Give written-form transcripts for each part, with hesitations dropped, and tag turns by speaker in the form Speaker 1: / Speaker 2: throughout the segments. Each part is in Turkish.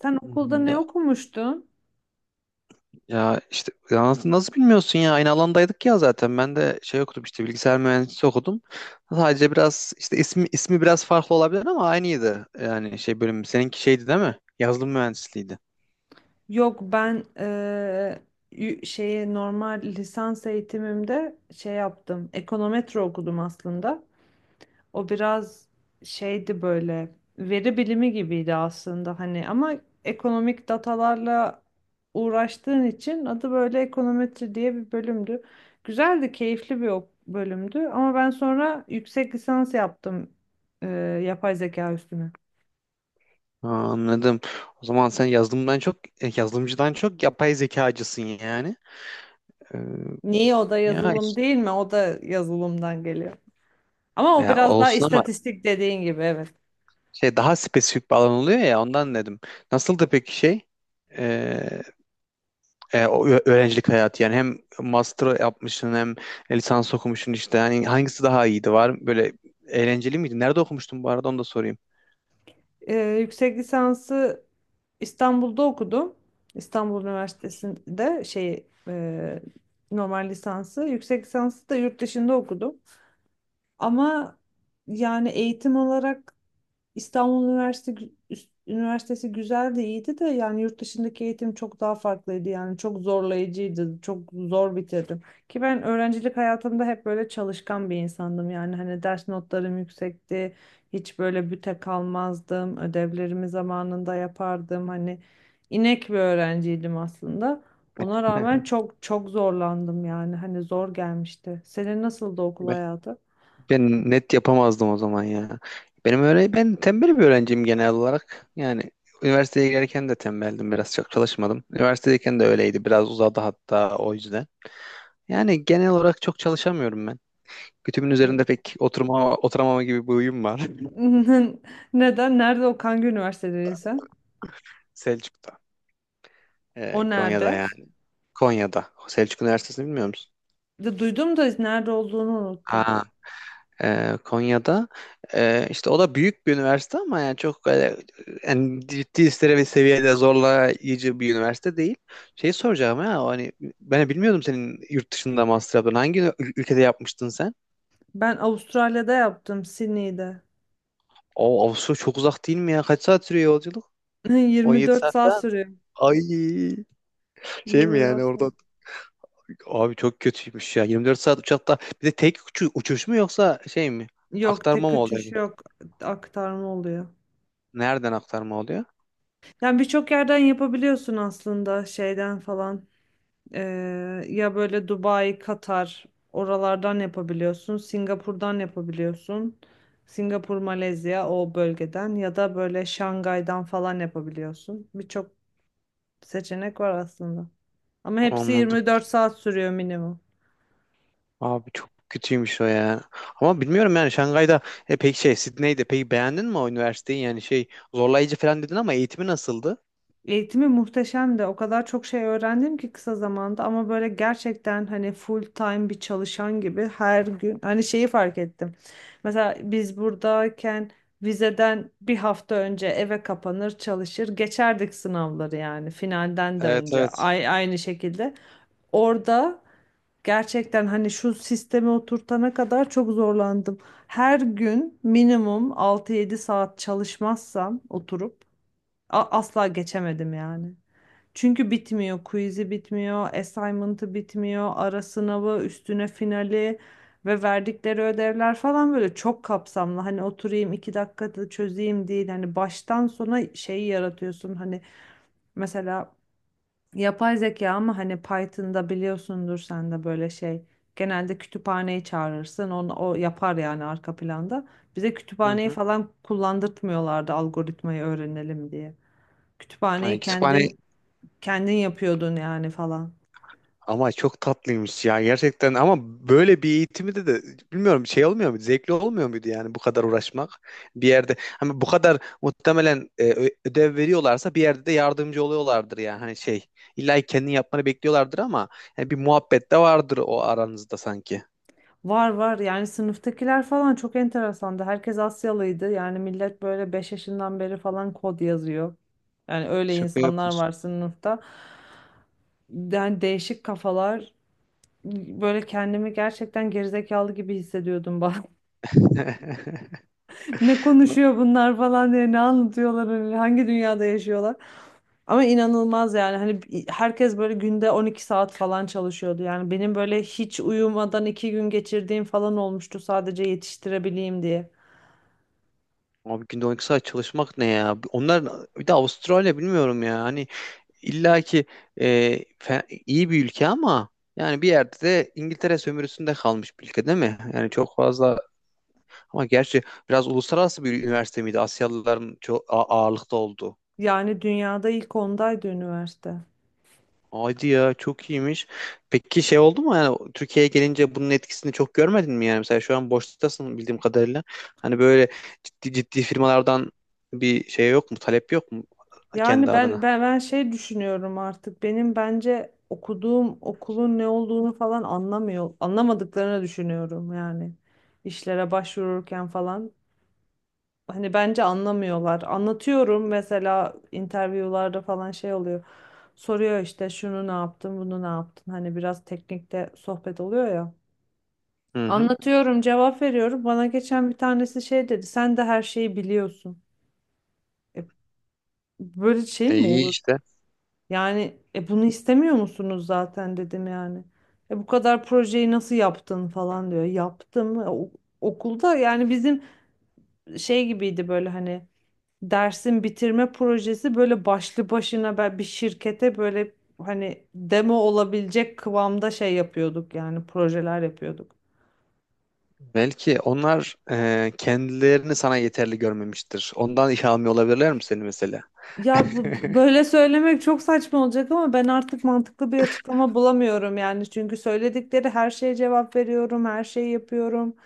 Speaker 1: Sen okulda
Speaker 2: Hmm.
Speaker 1: ne okumuştun?
Speaker 2: Nasıl, bilmiyorsun ya, aynı alandaydık ya. Zaten ben de okudum işte, bilgisayar mühendisliği okudum. Sadece biraz işte ismi, biraz farklı olabilir ama aynıydı. Yani bölüm, seninki şeydi değil mi, yazılım mühendisliğiydi.
Speaker 1: Yok, ben şeye normal lisans eğitimimde şey yaptım. Ekonometre okudum aslında. O biraz şeydi, böyle veri bilimi gibiydi aslında hani, ama ekonomik datalarla uğraştığın için adı böyle ekonometri diye bir bölümdü. Güzeldi, keyifli bir bölümdü, ama ben sonra yüksek lisans yaptım eee, yapay zeka üstüne.
Speaker 2: Ha, anladım. O zaman sen yazılımdan çok, yazılımcıdan çok yapay zekacısın yani. Ee,
Speaker 1: Niye o da
Speaker 2: ya
Speaker 1: yazılım
Speaker 2: işte
Speaker 1: değil mi? O da yazılımdan geliyor. Ama o
Speaker 2: ya
Speaker 1: biraz daha
Speaker 2: olsun ama
Speaker 1: istatistik dediğin gibi, evet.
Speaker 2: daha spesifik bir alan oluyor ya, ondan dedim. Nasıldı peki öğrencilik hayatı? Yani hem master yapmışsın hem lisans okumuşsun işte. Hani hangisi daha iyiydi, var böyle eğlenceli miydi? Nerede okumuştun bu arada, onu da sorayım.
Speaker 1: Ee, yüksek lisansı İstanbul'da okudum. İstanbul Üniversitesi'nde şey, normal lisansı. Yüksek lisansı da yurt dışında okudum. Ama yani eğitim olarak İstanbul Üniversitesi güzel de, iyiydi de, yani yurt dışındaki eğitim çok daha farklıydı, yani çok zorlayıcıydı, çok zor bitirdim. Ki ben öğrencilik hayatımda hep böyle çalışkan bir insandım yani, hani ders notlarım yüksekti, hiç böyle büte kalmazdım, ödevlerimi zamanında yapardım, hani inek bir öğrenciydim aslında. Ona rağmen çok çok zorlandım yani, hani zor gelmişti. Senin nasıldı okul
Speaker 2: Ben,
Speaker 1: hayatı?
Speaker 2: ben net yapamazdım o zaman ya. Ben tembel bir öğrenciyim genel olarak. Yani üniversiteye girerken de tembeldim, biraz çok çalışmadım. Üniversitedeyken de öyleydi, biraz uzadı hatta o yüzden. Yani genel olarak çok çalışamıyorum ben. Kütüğümün üzerinde
Speaker 1: N-
Speaker 2: pek oturamama gibi bir huyum var.
Speaker 1: Neden? Nerede o? Hangi üniversitede sen?
Speaker 2: Selçuk'ta,
Speaker 1: O
Speaker 2: Konya'da
Speaker 1: nerede?
Speaker 2: yani. Konya'da. Selçuk Üniversitesi'ni bilmiyor musun?
Speaker 1: De duydum da nerede olduğunu unuttum.
Speaker 2: Ha, Konya'da. İşte o da büyük bir üniversite ama yani çok öyle, yani ciddi bir seviyede zorlayıcı bir üniversite değil. Şeyi soracağım ya, hani ben bilmiyordum senin yurt dışında master yaptığını. Hangi ülkede yapmıştın sen?
Speaker 1: Ben Avustralya'da yaptım, Sydney'de.
Speaker 2: O Avusturya çok uzak değil mi ya? Kaç saat sürüyor yolculuk? 17
Speaker 1: 24
Speaker 2: saat
Speaker 1: saat
Speaker 2: falan.
Speaker 1: sürüyor.
Speaker 2: Ay, şey mi
Speaker 1: 24
Speaker 2: yani
Speaker 1: saat.
Speaker 2: orada, abi çok kötüymüş ya. 24 saat uçakta, bir de tek uçuş mu yoksa şey mi,
Speaker 1: Yok,
Speaker 2: aktarma
Speaker 1: tek
Speaker 2: mı
Speaker 1: uçuş
Speaker 2: oluyor?
Speaker 1: yok. Aktarma oluyor.
Speaker 2: Nereden aktarma oluyor?
Speaker 1: Yani birçok yerden yapabiliyorsun aslında, şeyden falan. Ya böyle Dubai, Katar, oralardan yapabiliyorsun. Singapur'dan yapabiliyorsun. Singapur, Malezya, o bölgeden ya da böyle Şangay'dan falan yapabiliyorsun. Birçok seçenek var aslında. Ama hepsi
Speaker 2: Anladım.
Speaker 1: 24 saat sürüyor minimum.
Speaker 2: Abi çok kötüymüş o ya. Ama bilmiyorum yani. Şangay'da peki Sydney'de peki, beğendin mi o üniversiteyi? Yani şey, zorlayıcı falan dedin ama eğitimi nasıldı?
Speaker 1: Eğitimi muhteşemdi. O kadar çok şey öğrendim ki kısa zamanda, ama böyle gerçekten hani full time bir çalışan gibi her gün, hani şeyi fark ettim. Mesela biz buradayken vizeden bir hafta önce eve kapanır, çalışır, geçerdik sınavları yani. Finalden de
Speaker 2: Evet,
Speaker 1: önce
Speaker 2: evet.
Speaker 1: ay aynı şekilde. Orada, gerçekten hani şu sisteme oturtana kadar çok zorlandım. Her gün minimum 6 7 saat çalışmazsam oturup asla geçemedim yani. Çünkü bitmiyor. Quiz'i bitmiyor, assignment'ı bitmiyor, ara sınavı, üstüne finali ve verdikleri ödevler falan böyle çok kapsamlı. Hani oturayım 2 dakikada çözeyim değil. Hani baştan sona şeyi yaratıyorsun. Hani mesela yapay zeka, ama hani Python'da biliyorsundur sen de böyle şey. Genelde kütüphaneyi çağırırsın. O yapar yani, arka planda. Bize
Speaker 2: Hı
Speaker 1: kütüphaneyi
Speaker 2: hı.
Speaker 1: falan kullandırtmıyorlardı, algoritmayı öğrenelim diye. Kütüphaneyi
Speaker 2: Yani kütüphane.
Speaker 1: kendin Kendin yapıyordun yani falan.
Speaker 2: Ama çok tatlıymış ya gerçekten, ama böyle bir eğitimi de bilmiyorum, şey olmuyor muydu, zevkli olmuyor muydu yani? Bu kadar uğraşmak bir yerde, hani bu kadar muhtemelen ödev veriyorlarsa bir yerde de yardımcı oluyorlardır yani. Hani şey, illa ki kendin yapmanı bekliyorlardır ama yani bir muhabbet de vardır o aranızda sanki.
Speaker 1: Var, var yani sınıftakiler falan çok enteresandı. Herkes Asyalıydı. Yani millet böyle 5 yaşından beri falan kod yazıyor. Yani öyle
Speaker 2: Şaka
Speaker 1: insanlar var
Speaker 2: yapmışsın.
Speaker 1: sınıfta. Yani değişik kafalar. Böyle kendimi gerçekten gerizekalı gibi hissediyordum bak. Ne konuşuyor bunlar falan diye, ne anlatıyorlar öyle, hangi dünyada yaşıyorlar? Ama inanılmaz yani hani herkes böyle günde 12 saat falan çalışıyordu. Yani benim böyle hiç uyumadan 2 gün geçirdiğim falan olmuştu, sadece yetiştirebileyim diye.
Speaker 2: Abi günde 12 saat çalışmak ne ya? Onlar, bir de Avustralya, bilmiyorum ya. Hani İlla ki e, iyi bir ülke ama yani bir yerde de İngiltere sömürüsünde kalmış bir ülke değil mi? Yani çok fazla, ama gerçi biraz uluslararası bir üniversite miydi, Asyalıların çok ağırlıkta olduğu?
Speaker 1: Yani dünyada ilk 10'daydı üniversite.
Speaker 2: Haydi ya, çok iyiymiş. Peki şey oldu mu yani, Türkiye'ye gelince bunun etkisini çok görmedin mi yani? Mesela şu an boştasın bildiğim kadarıyla. Hani böyle ciddi ciddi firmalardan bir şey yok mu, talep yok mu kendi
Speaker 1: Yani ben
Speaker 2: adına?
Speaker 1: ben ben şey düşünüyorum artık. Benim bence okuduğum okulun ne olduğunu falan anlamıyor. Anlamadıklarını düşünüyorum yani. İşlere başvururken falan. Hani bence anlamıyorlar. Anlatıyorum mesela, interviewlarda falan şey oluyor. Soruyor işte şunu ne yaptın, bunu ne yaptın? Hani biraz teknikte sohbet oluyor ya.
Speaker 2: Hı hı.
Speaker 1: Anlatıyorum, cevap veriyorum. Bana geçen bir tanesi şey dedi. Sen de her şeyi biliyorsun. E, böyle şey mi
Speaker 2: İyi
Speaker 1: olur?
Speaker 2: işte.
Speaker 1: Yani bunu istemiyor musunuz zaten dedim yani. Bu kadar projeyi nasıl yaptın falan diyor. Yaptım. Okulda yani bizim şey gibiydi, böyle hani dersin bitirme projesi böyle başlı başına, ben bir şirkete böyle hani demo olabilecek kıvamda şey yapıyorduk, yani projeler yapıyorduk.
Speaker 2: Belki onlar kendilerini sana yeterli görmemiştir. Ondan iş almıyor olabilirler mi seni mesela?
Speaker 1: Ya bu, böyle söylemek çok saçma olacak, ama ben artık mantıklı bir açıklama bulamıyorum yani, çünkü söyledikleri her şeye cevap veriyorum, her şeyi yapıyorum.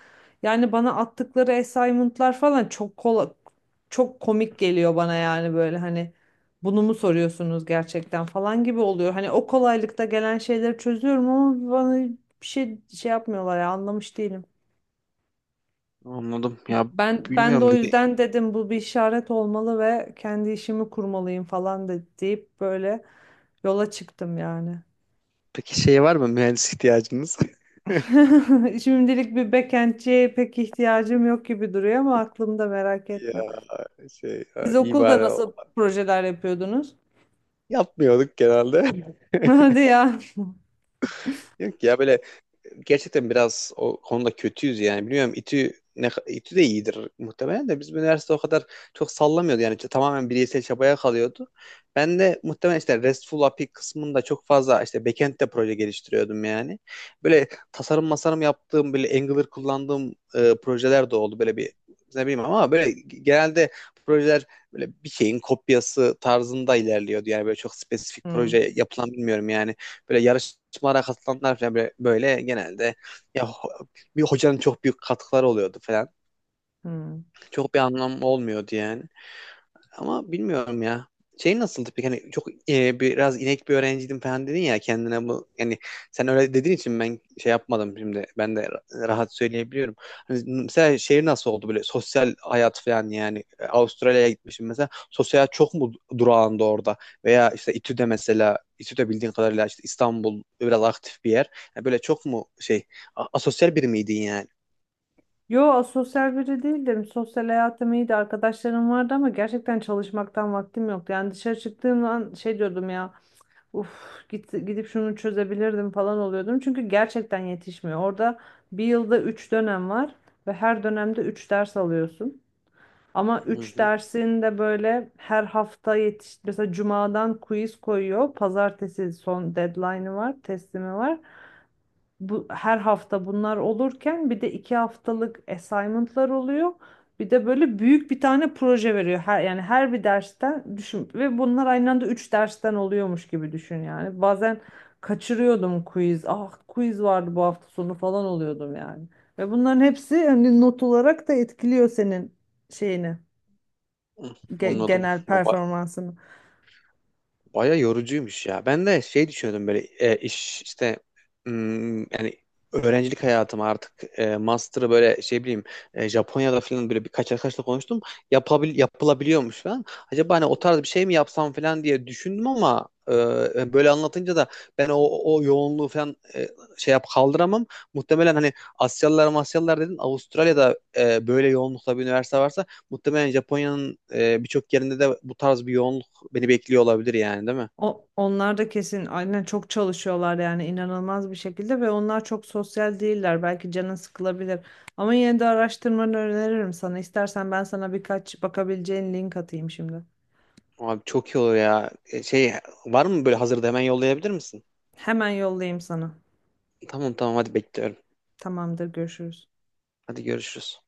Speaker 1: Yani bana attıkları assignment'lar falan çok çok komik geliyor bana yani, böyle hani bunu mu soruyorsunuz gerçekten falan gibi oluyor. Hani o kolaylıkta gelen şeyleri çözüyorum, ama bana bir şey şey yapmıyorlar ya, anlamış değilim.
Speaker 2: Anladım. Ya
Speaker 1: Ben de
Speaker 2: bilmiyorum
Speaker 1: o
Speaker 2: dedi.
Speaker 1: yüzden dedim bu bir işaret olmalı ve kendi işimi kurmalıyım falan deyip böyle yola çıktım yani.
Speaker 2: Peki şey, var mı mühendis ihtiyacınız?
Speaker 1: Şimdilik bir backendçiye pek ihtiyacım yok gibi duruyor, ama aklımda, merak etme.
Speaker 2: Ya şey
Speaker 1: Siz
Speaker 2: ya, iyi
Speaker 1: okulda
Speaker 2: bari o.
Speaker 1: nasıl projeler yapıyordunuz?
Speaker 2: Yapmıyorduk genelde.
Speaker 1: Hadi ya.
Speaker 2: Yok ya, böyle gerçekten biraz o konuda kötüyüz yani. Biliyorum İTÜ de iyidir muhtemelen, de bizim üniversite o kadar çok sallamıyordu. Yani işte tamamen bireysel çabaya kalıyordu. Ben de muhtemelen işte RESTful API kısmında çok fazla işte backend'de proje geliştiriyordum yani. Böyle tasarım masarım yaptığım, böyle Angular kullandığım projeler de oldu. Böyle bir ne bileyim ama böyle genelde projeler böyle bir şeyin kopyası tarzında ilerliyordu. Yani böyle çok spesifik
Speaker 1: Hmm,
Speaker 2: proje yapılan bilmiyorum yani. Böyle yarışmalara katılanlar falan böyle, genelde ya ho- bir hocanın çok büyük katkıları oluyordu falan.
Speaker 1: hmm.
Speaker 2: Çok bir anlam olmuyordu yani. Ama bilmiyorum ya. Şey nasıldı peki? Hani çok biraz inek bir öğrenciydim falan dedin ya kendine, bu yani sen öyle dediğin için ben şey yapmadım şimdi. Ben de rahat söyleyebiliyorum. Hani mesela şehir nasıl oldu, böyle sosyal hayat falan yani. Avustralya'ya gitmişim mesela, sosyal hayat çok mu durağında orada, veya işte İTÜ'de mesela, İTÜ'de bildiğin kadarıyla işte İstanbul biraz aktif bir yer. Yani böyle çok mu şey, asosyal biri miydin yani?
Speaker 1: Yo, sosyal biri değildim. Sosyal hayatım iyiydi. Arkadaşlarım vardı, ama gerçekten çalışmaktan vaktim yoktu. Yani dışarı çıktığım an şey diyordum ya. Uf, gidip şunu çözebilirdim falan oluyordum. Çünkü gerçekten yetişmiyor. Orada bir yılda 3 dönem var ve her dönemde 3 ders alıyorsun. Ama
Speaker 2: Hı
Speaker 1: üç
Speaker 2: hı.
Speaker 1: dersin de böyle her hafta yetiş, mesela cumadan quiz koyuyor. Pazartesi son deadline'ı var, teslimi var. Bu, her hafta bunlar olurken bir de 2 haftalık assignment'lar oluyor. Bir de böyle büyük bir tane proje veriyor. Her, yani her bir dersten düşün, ve bunlar aynı anda 3 dersten oluyormuş gibi düşün yani. Bazen kaçırıyordum quiz. Ah, quiz vardı bu hafta sonu falan oluyordum yani. Ve bunların hepsi hani not olarak da etkiliyor senin şeyini,
Speaker 2: Anladım.
Speaker 1: genel performansını.
Speaker 2: Baya yorucuymuş ya. Ben de şey düşünüyordum böyle iş işte, hmm, yani öğrencilik hayatım artık master'ı böyle şey bileyim, Japonya'da falan, böyle birkaç arkadaşla konuştum. Yapılabiliyormuş falan. Acaba hani o tarz bir şey mi yapsam falan diye düşündüm ama böyle anlatınca da ben o yoğunluğu falan şey yap kaldıramam. Muhtemelen hani Asyalılar Masyalılar dedin, Avustralya'da böyle yoğunlukta bir üniversite varsa muhtemelen Japonya'nın birçok yerinde de bu tarz bir yoğunluk beni bekliyor olabilir yani, değil mi?
Speaker 1: Onlar da kesin aynen çok çalışıyorlar yani, inanılmaz bir şekilde, ve onlar çok sosyal değiller. Belki canın sıkılabilir. Ama yine de araştırmanı öneririm sana. İstersen ben sana birkaç bakabileceğin link atayım şimdi.
Speaker 2: Abi çok iyi olur ya. Şey var mı böyle hazırda, hemen yollayabilir misin?
Speaker 1: Hemen yollayayım sana.
Speaker 2: Tamam, tamam, hadi bekliyorum.
Speaker 1: Tamamdır, görüşürüz.
Speaker 2: Hadi görüşürüz.